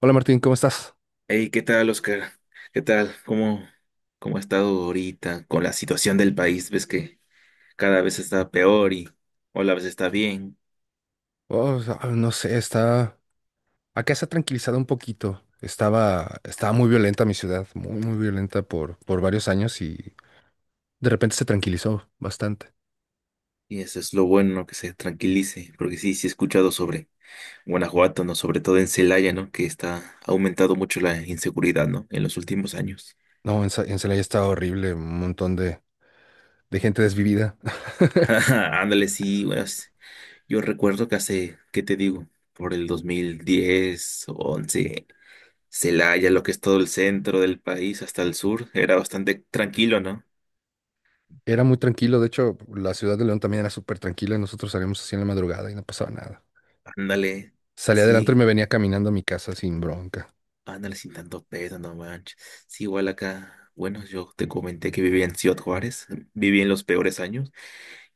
Hola Martín, ¿cómo estás? Hey, ¿qué tal, Oscar? ¿Qué tal? ¿Cómo ha estado ahorita con la situación del país? Ves que cada vez está peor y o la vez está bien. Oh, ah, no sé, está. Acá se ha tranquilizado un poquito. Estaba muy violenta mi ciudad, muy, muy violenta por varios años y de repente se tranquilizó bastante. Y eso es lo bueno, ¿no? Que se tranquilice. Porque sí he escuchado sobre Guanajuato, ¿no? Sobre todo en Celaya, ¿no? Que está ha aumentado mucho la inseguridad, ¿no? En los últimos años. No, en Celaya estaba horrible, un montón de gente desvivida. Ándale, sí, bueno, yo recuerdo que hace, ¿qué te digo? Por el 2010 o 11. Celaya, lo que es todo el centro del país hasta el sur, era bastante tranquilo, ¿no? Era muy tranquilo, de hecho, la ciudad de León también era súper tranquila. Nosotros salíamos así en la madrugada y no pasaba nada. Ándale, Salía adelante y sí, me venía caminando a mi casa sin bronca. ándale, sin tanto peso, no manches. Sí, igual acá, bueno, yo te comenté que vivía en Ciudad Juárez, viví en los peores años,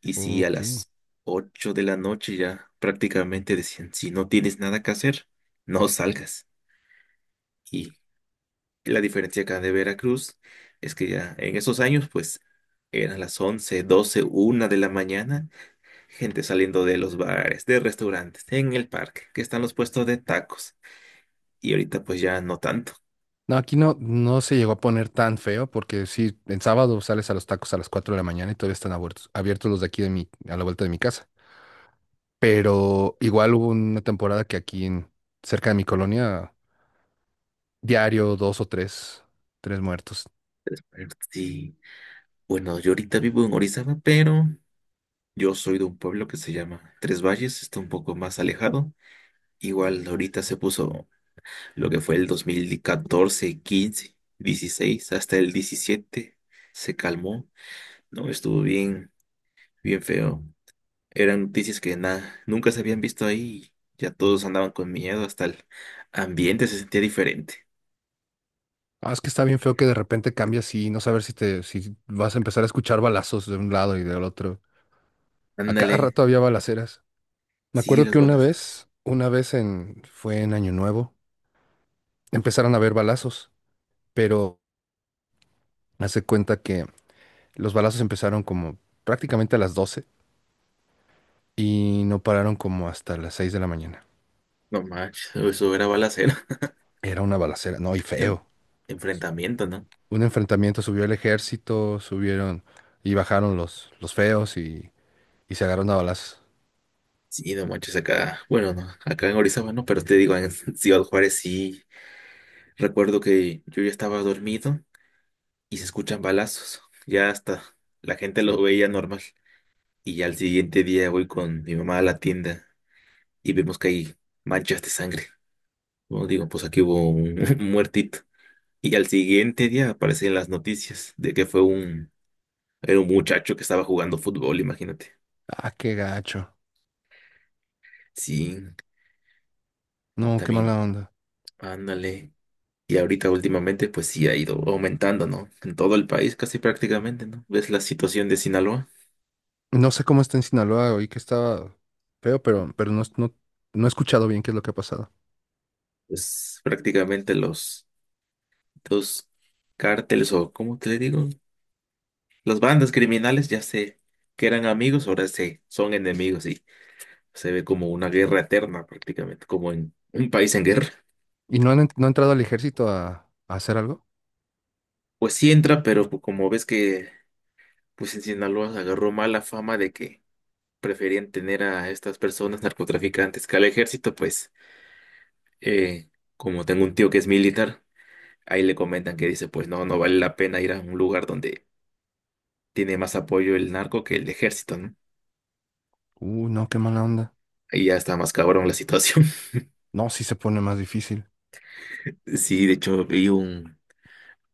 y sí, a Ok. las 8 de la noche ya prácticamente decían, si no tienes nada que hacer, no salgas. Y la diferencia acá de Veracruz es que ya en esos años, pues, eran las 11, 12, una de la mañana, gente saliendo de los bares, de restaurantes, en el parque, que están los puestos de tacos. Y ahorita pues ya no tanto. No, aquí no se llegó a poner tan feo porque sí, en sábado sales a los tacos a las 4 de la mañana y todavía están abiertos los de aquí a la vuelta de mi casa. Pero igual hubo una temporada que aquí cerca de mi colonia, diario dos o tres muertos. Pero sí. Bueno, yo ahorita vivo en Orizaba, pero yo soy de un pueblo que se llama Tres Valles, está un poco más alejado. Igual ahorita se puso, lo que fue el 2014, 15, 16 hasta el 17, se calmó. No, estuvo bien, bien feo. Eran noticias que nada, nunca se habían visto ahí. Ya todos andaban con miedo, hasta el ambiente se sentía diferente. Ah, es que está bien feo que de repente cambias y no saber si vas a empezar a escuchar balazos de un lado y del otro. A cada Ándale, rato había balaceras. Me sí, acuerdo las que una balas. vez, una vez fue en Año Nuevo, empezaron a haber balazos, pero hace cuenta que los balazos empezaron como prácticamente a las 12 y no pararon como hasta las 6 de la mañana. No manches, eso era balacera. Era una balacera, no, y Em- feo. enfrentamiento, ¿no? Un enfrentamiento, subió el ejército, subieron y bajaron los feos y se agarraron a balazos. Sí, no manches, acá. Bueno, no, acá en Orizaba no, pero te digo, en Ciudad Juárez sí. Recuerdo que yo ya estaba dormido y se escuchan balazos. Ya hasta la gente lo veía normal. Y ya al siguiente día voy con mi mamá a la tienda y vemos que hay manchas de sangre. Bueno, digo, pues aquí hubo un, un muertito. Y al siguiente día aparecen las noticias de que fue un, era un muchacho que estaba jugando fútbol, imagínate. Ah, qué gacho. Sí, No, qué también, mala onda. ándale. Y ahorita últimamente, pues sí ha ido aumentando, ¿no? En todo el país casi prácticamente, ¿no? ¿Ves la situación de Sinaloa? No sé cómo está en Sinaloa, oí que estaba feo, pero no, no, no he escuchado bien qué es lo que ha pasado. Pues prácticamente los dos cárteles o, ¿cómo te le digo? Las bandas criminales ya sé que eran amigos, ahora se son enemigos. Se ve como una guerra eterna prácticamente, como en un país en guerra. ¿Y no ha entrado al ejército a hacer algo? Pues sí entra, pero pues como ves que pues en Sinaloa se agarró mala fama de que preferían tener a estas personas narcotraficantes que al ejército, pues eh, como tengo un tío que es militar, ahí le comentan que dice, pues no, no vale la pena ir a un lugar donde tiene más apoyo el narco que el ejército, ¿no? No, qué mala onda. Ahí ya está más cabrón la situación. No, sí se pone más difícil. Sí, de hecho vi un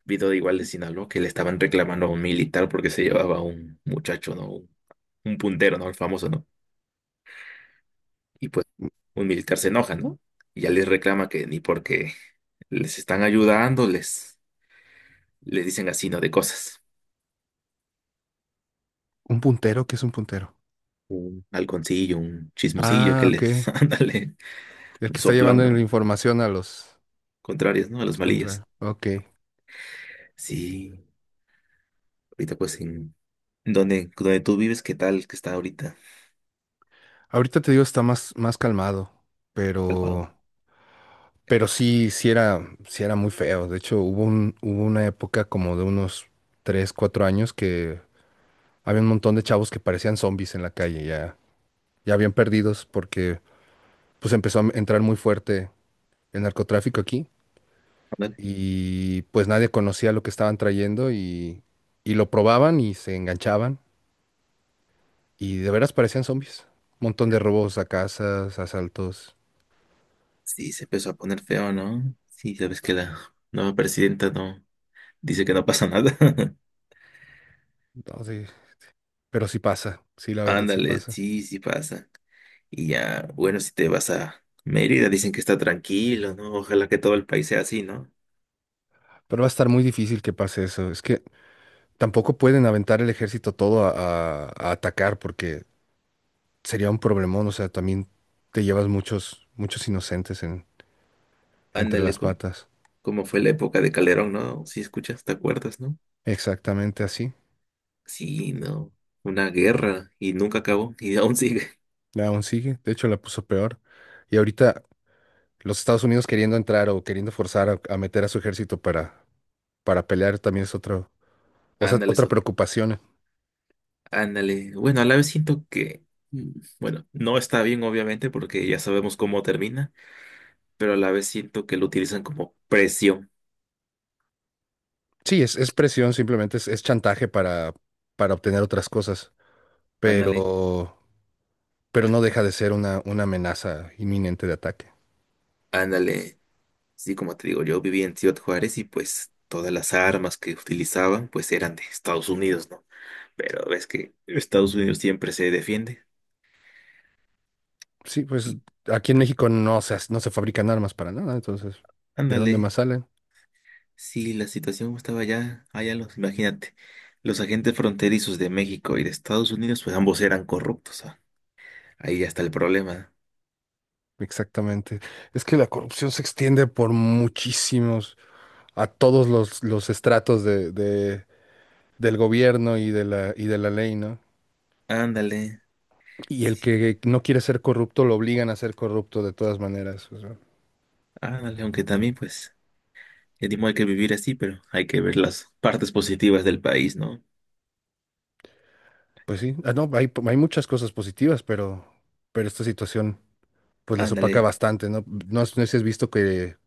video de igual de Sinaloa que le estaban reclamando a un militar porque se llevaba a un muchacho, ¿no? Un puntero, ¿no? El famoso, ¿no? Y pues un militar se enoja, ¿no? Y ya les reclama que ni porque les están ayudando, les dicen así, ¿no? De cosas. ¿Un puntero? ¿Qué es un puntero? Un halconcillo, un chismosillo Ah, que les, ok. ándale, El un que está llevando soplón, la ¿no? información Contrarios, ¿no? A a los los malillas. contrarios. Ok. Sí, ahorita pues en... ¿Dónde, dónde tú vives? ¿Qué tal que está ahorita? Ahorita te digo, está más calmado, ¿Álvaro? pero, pero sí, sí era muy feo. De hecho, hubo una época como de unos 3, 4 años que había un montón de chavos que parecían zombies en la calle, ya bien perdidos, porque pues empezó a entrar muy fuerte el narcotráfico aquí y pues nadie conocía lo que estaban trayendo y lo probaban y se enganchaban. Y de veras parecían zombies. Un montón de robos a casas, asaltos. Sí, se empezó a poner feo, ¿no? Sí, sabes que la nueva presidenta no dice que no pasa nada. No, sí. Pero sí pasa. Sí, la verdad sí Ándale, pasa. sí pasa. Y ya, bueno, si te vas a Mérida, dicen que está tranquilo, ¿no? Ojalá que todo el país sea así, ¿no? Pero va a estar muy difícil que pase eso. Es que tampoco pueden aventar el ejército todo a, a atacar porque sería un problemón. O sea, también te llevas muchos, muchos inocentes entre Ándale, las patas. como fue la época de Calderón, ¿no? Si escuchas, ¿te acuerdas, no? Exactamente así. Sí, no. Una guerra y nunca acabó y aún sigue. Aún sigue. De hecho, la puso peor. Y ahorita los Estados Unidos queriendo entrar o queriendo forzar a, meter a su ejército para pelear también es otro, o sea, Ándale, otra eso. preocupación. Ándale. Bueno, a la vez siento que, mm, bueno, no está bien, obviamente, porque ya sabemos cómo termina, pero a la vez siento que lo utilizan como precio. Sí, es presión, simplemente es chantaje para obtener otras cosas, Ándale, pero, pero no deja de ser una amenaza inminente de ataque. ándale. Sí, como te digo, yo viví en Ciudad Juárez y pues todas las armas que utilizaban pues eran de Estados Unidos, ¿no? Pero ves que Estados Unidos siempre se defiende. Sí, pues Y aquí en México no se fabrican armas para nada, entonces, ¿de dónde más ándale, salen? si la situación estaba allá los, imagínate, los agentes fronterizos de México y de Estados Unidos pues ambos eran corruptos, ah, ahí ya está el problema. Exactamente. Es que la corrupción se extiende por a todos los estratos del gobierno y de la ley, ¿no? Ándale, Y el sí, que no quiere ser corrupto lo obligan a ser corrupto de todas maneras. ándale, aunque también pues... El mismo hay que vivir así, pero hay que ver las partes positivas del país, ¿no? Pues sí, ah, no, hay muchas cosas positivas, pero esta situación pues las opaca Ándale, bastante, ¿no? No sé si has visto que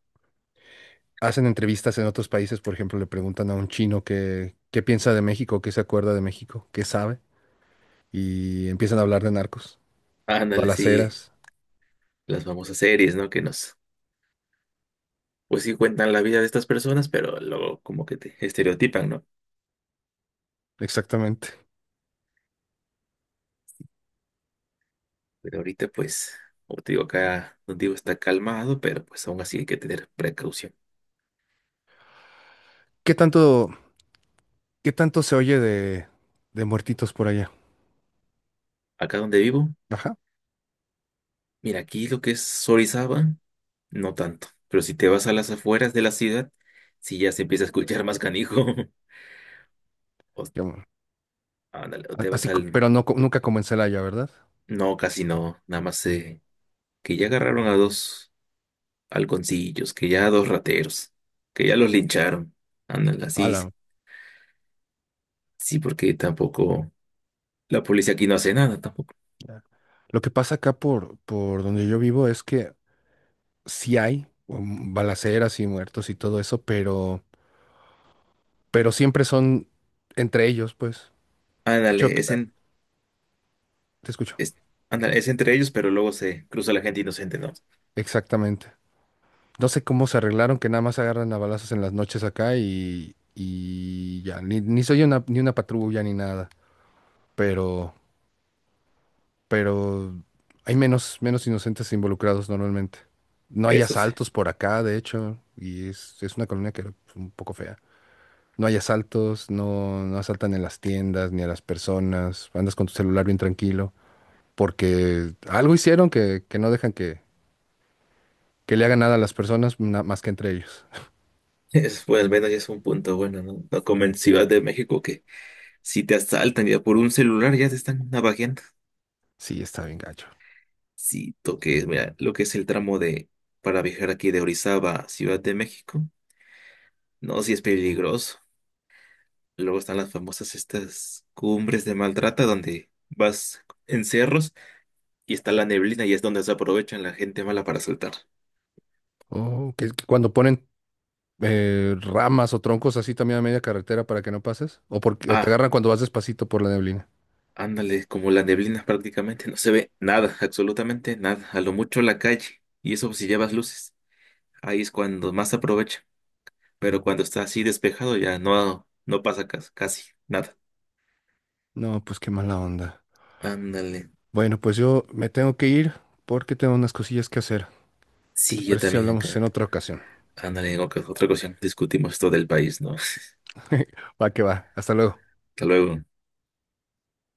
hacen entrevistas en otros países, por ejemplo, le preguntan a un chino qué piensa de México, qué se acuerda de México, qué sabe, y empiezan a hablar de narcos y ándale, sí, balaceras. las famosas series, ¿no? Que nos, pues sí cuentan la vida de estas personas, pero luego como que te estereotipan, ¿no? Exactamente. Pero ahorita, pues, como te digo, acá donde digo está calmado, pero pues aún así hay que tener precaución. ¿Qué tanto, qué tanto se oye de muertitos por allá? Acá donde vivo, Ajá, mira, aquí lo que es Orizaba, no tanto, pero si te vas a las afueras de la ciudad, sí ya se empieza a escuchar más canijo. O, ya, bueno, ándale, o te vas así, al... pero no, nunca comencé en Celaya, ¿verdad? No, casi no, nada más se que ya agarraron a dos halconcillos, que ya a dos rateros, que ya los lincharon. Ándale, así, Ala. sí, porque tampoco la policía aquí no hace nada tampoco. Ya. Lo que pasa acá por donde yo vivo es que sí hay balaceras y muertos y todo eso, pero siempre son entre ellos, pues. De hecho, Ándale, es en, te escucho. es, ándale, es entre ellos, pero luego se cruza la gente inocente, ¿no? Exactamente. No sé cómo se arreglaron que nada más agarran a balazos en las noches acá y ya, ni soy una, ni una patrulla ni nada, pero, pero hay menos inocentes involucrados normalmente. No hay Eso sí. asaltos por acá, de hecho, y es una colonia que es un poco fea. No hay asaltos, no, no asaltan en las tiendas ni a las personas, andas con tu celular bien tranquilo, porque algo hicieron que no dejan que le hagan nada a las personas más que entre ellos. Eso, pues al menos ya es un punto bueno, ¿no? No como en Ciudad de México que si te asaltan ya por un celular ya te están navajeando. Sí, está bien gacho. Sí, toques, mira, lo que es el tramo de para viajar aquí de Orizaba a Ciudad de México, no, sí es peligroso. Luego están las famosas estas cumbres de Maltrata donde vas en cerros y está la neblina y es donde se aprovechan la gente mala para saltar. Oh, que cuando ponen ramas o troncos así también a media carretera para que no pases, o te Ah, agarran cuando vas despacito por la neblina. ándale, como la neblina prácticamente no se ve nada, absolutamente nada, a lo mucho la calle. Y eso si llevas luces, ahí es cuando más se aprovecha. Pero cuando está así despejado ya no, no pasa casi nada. No, pues qué mala onda. Ándale. Bueno, pues yo me tengo que ir porque tengo unas cosillas que hacer. ¿Qué te Sí, yo parece si también hablamos en acá. otra ocasión? Ándale, en otra ocasión discutimos todo el país, ¿no? Va que va, hasta luego. Hasta luego.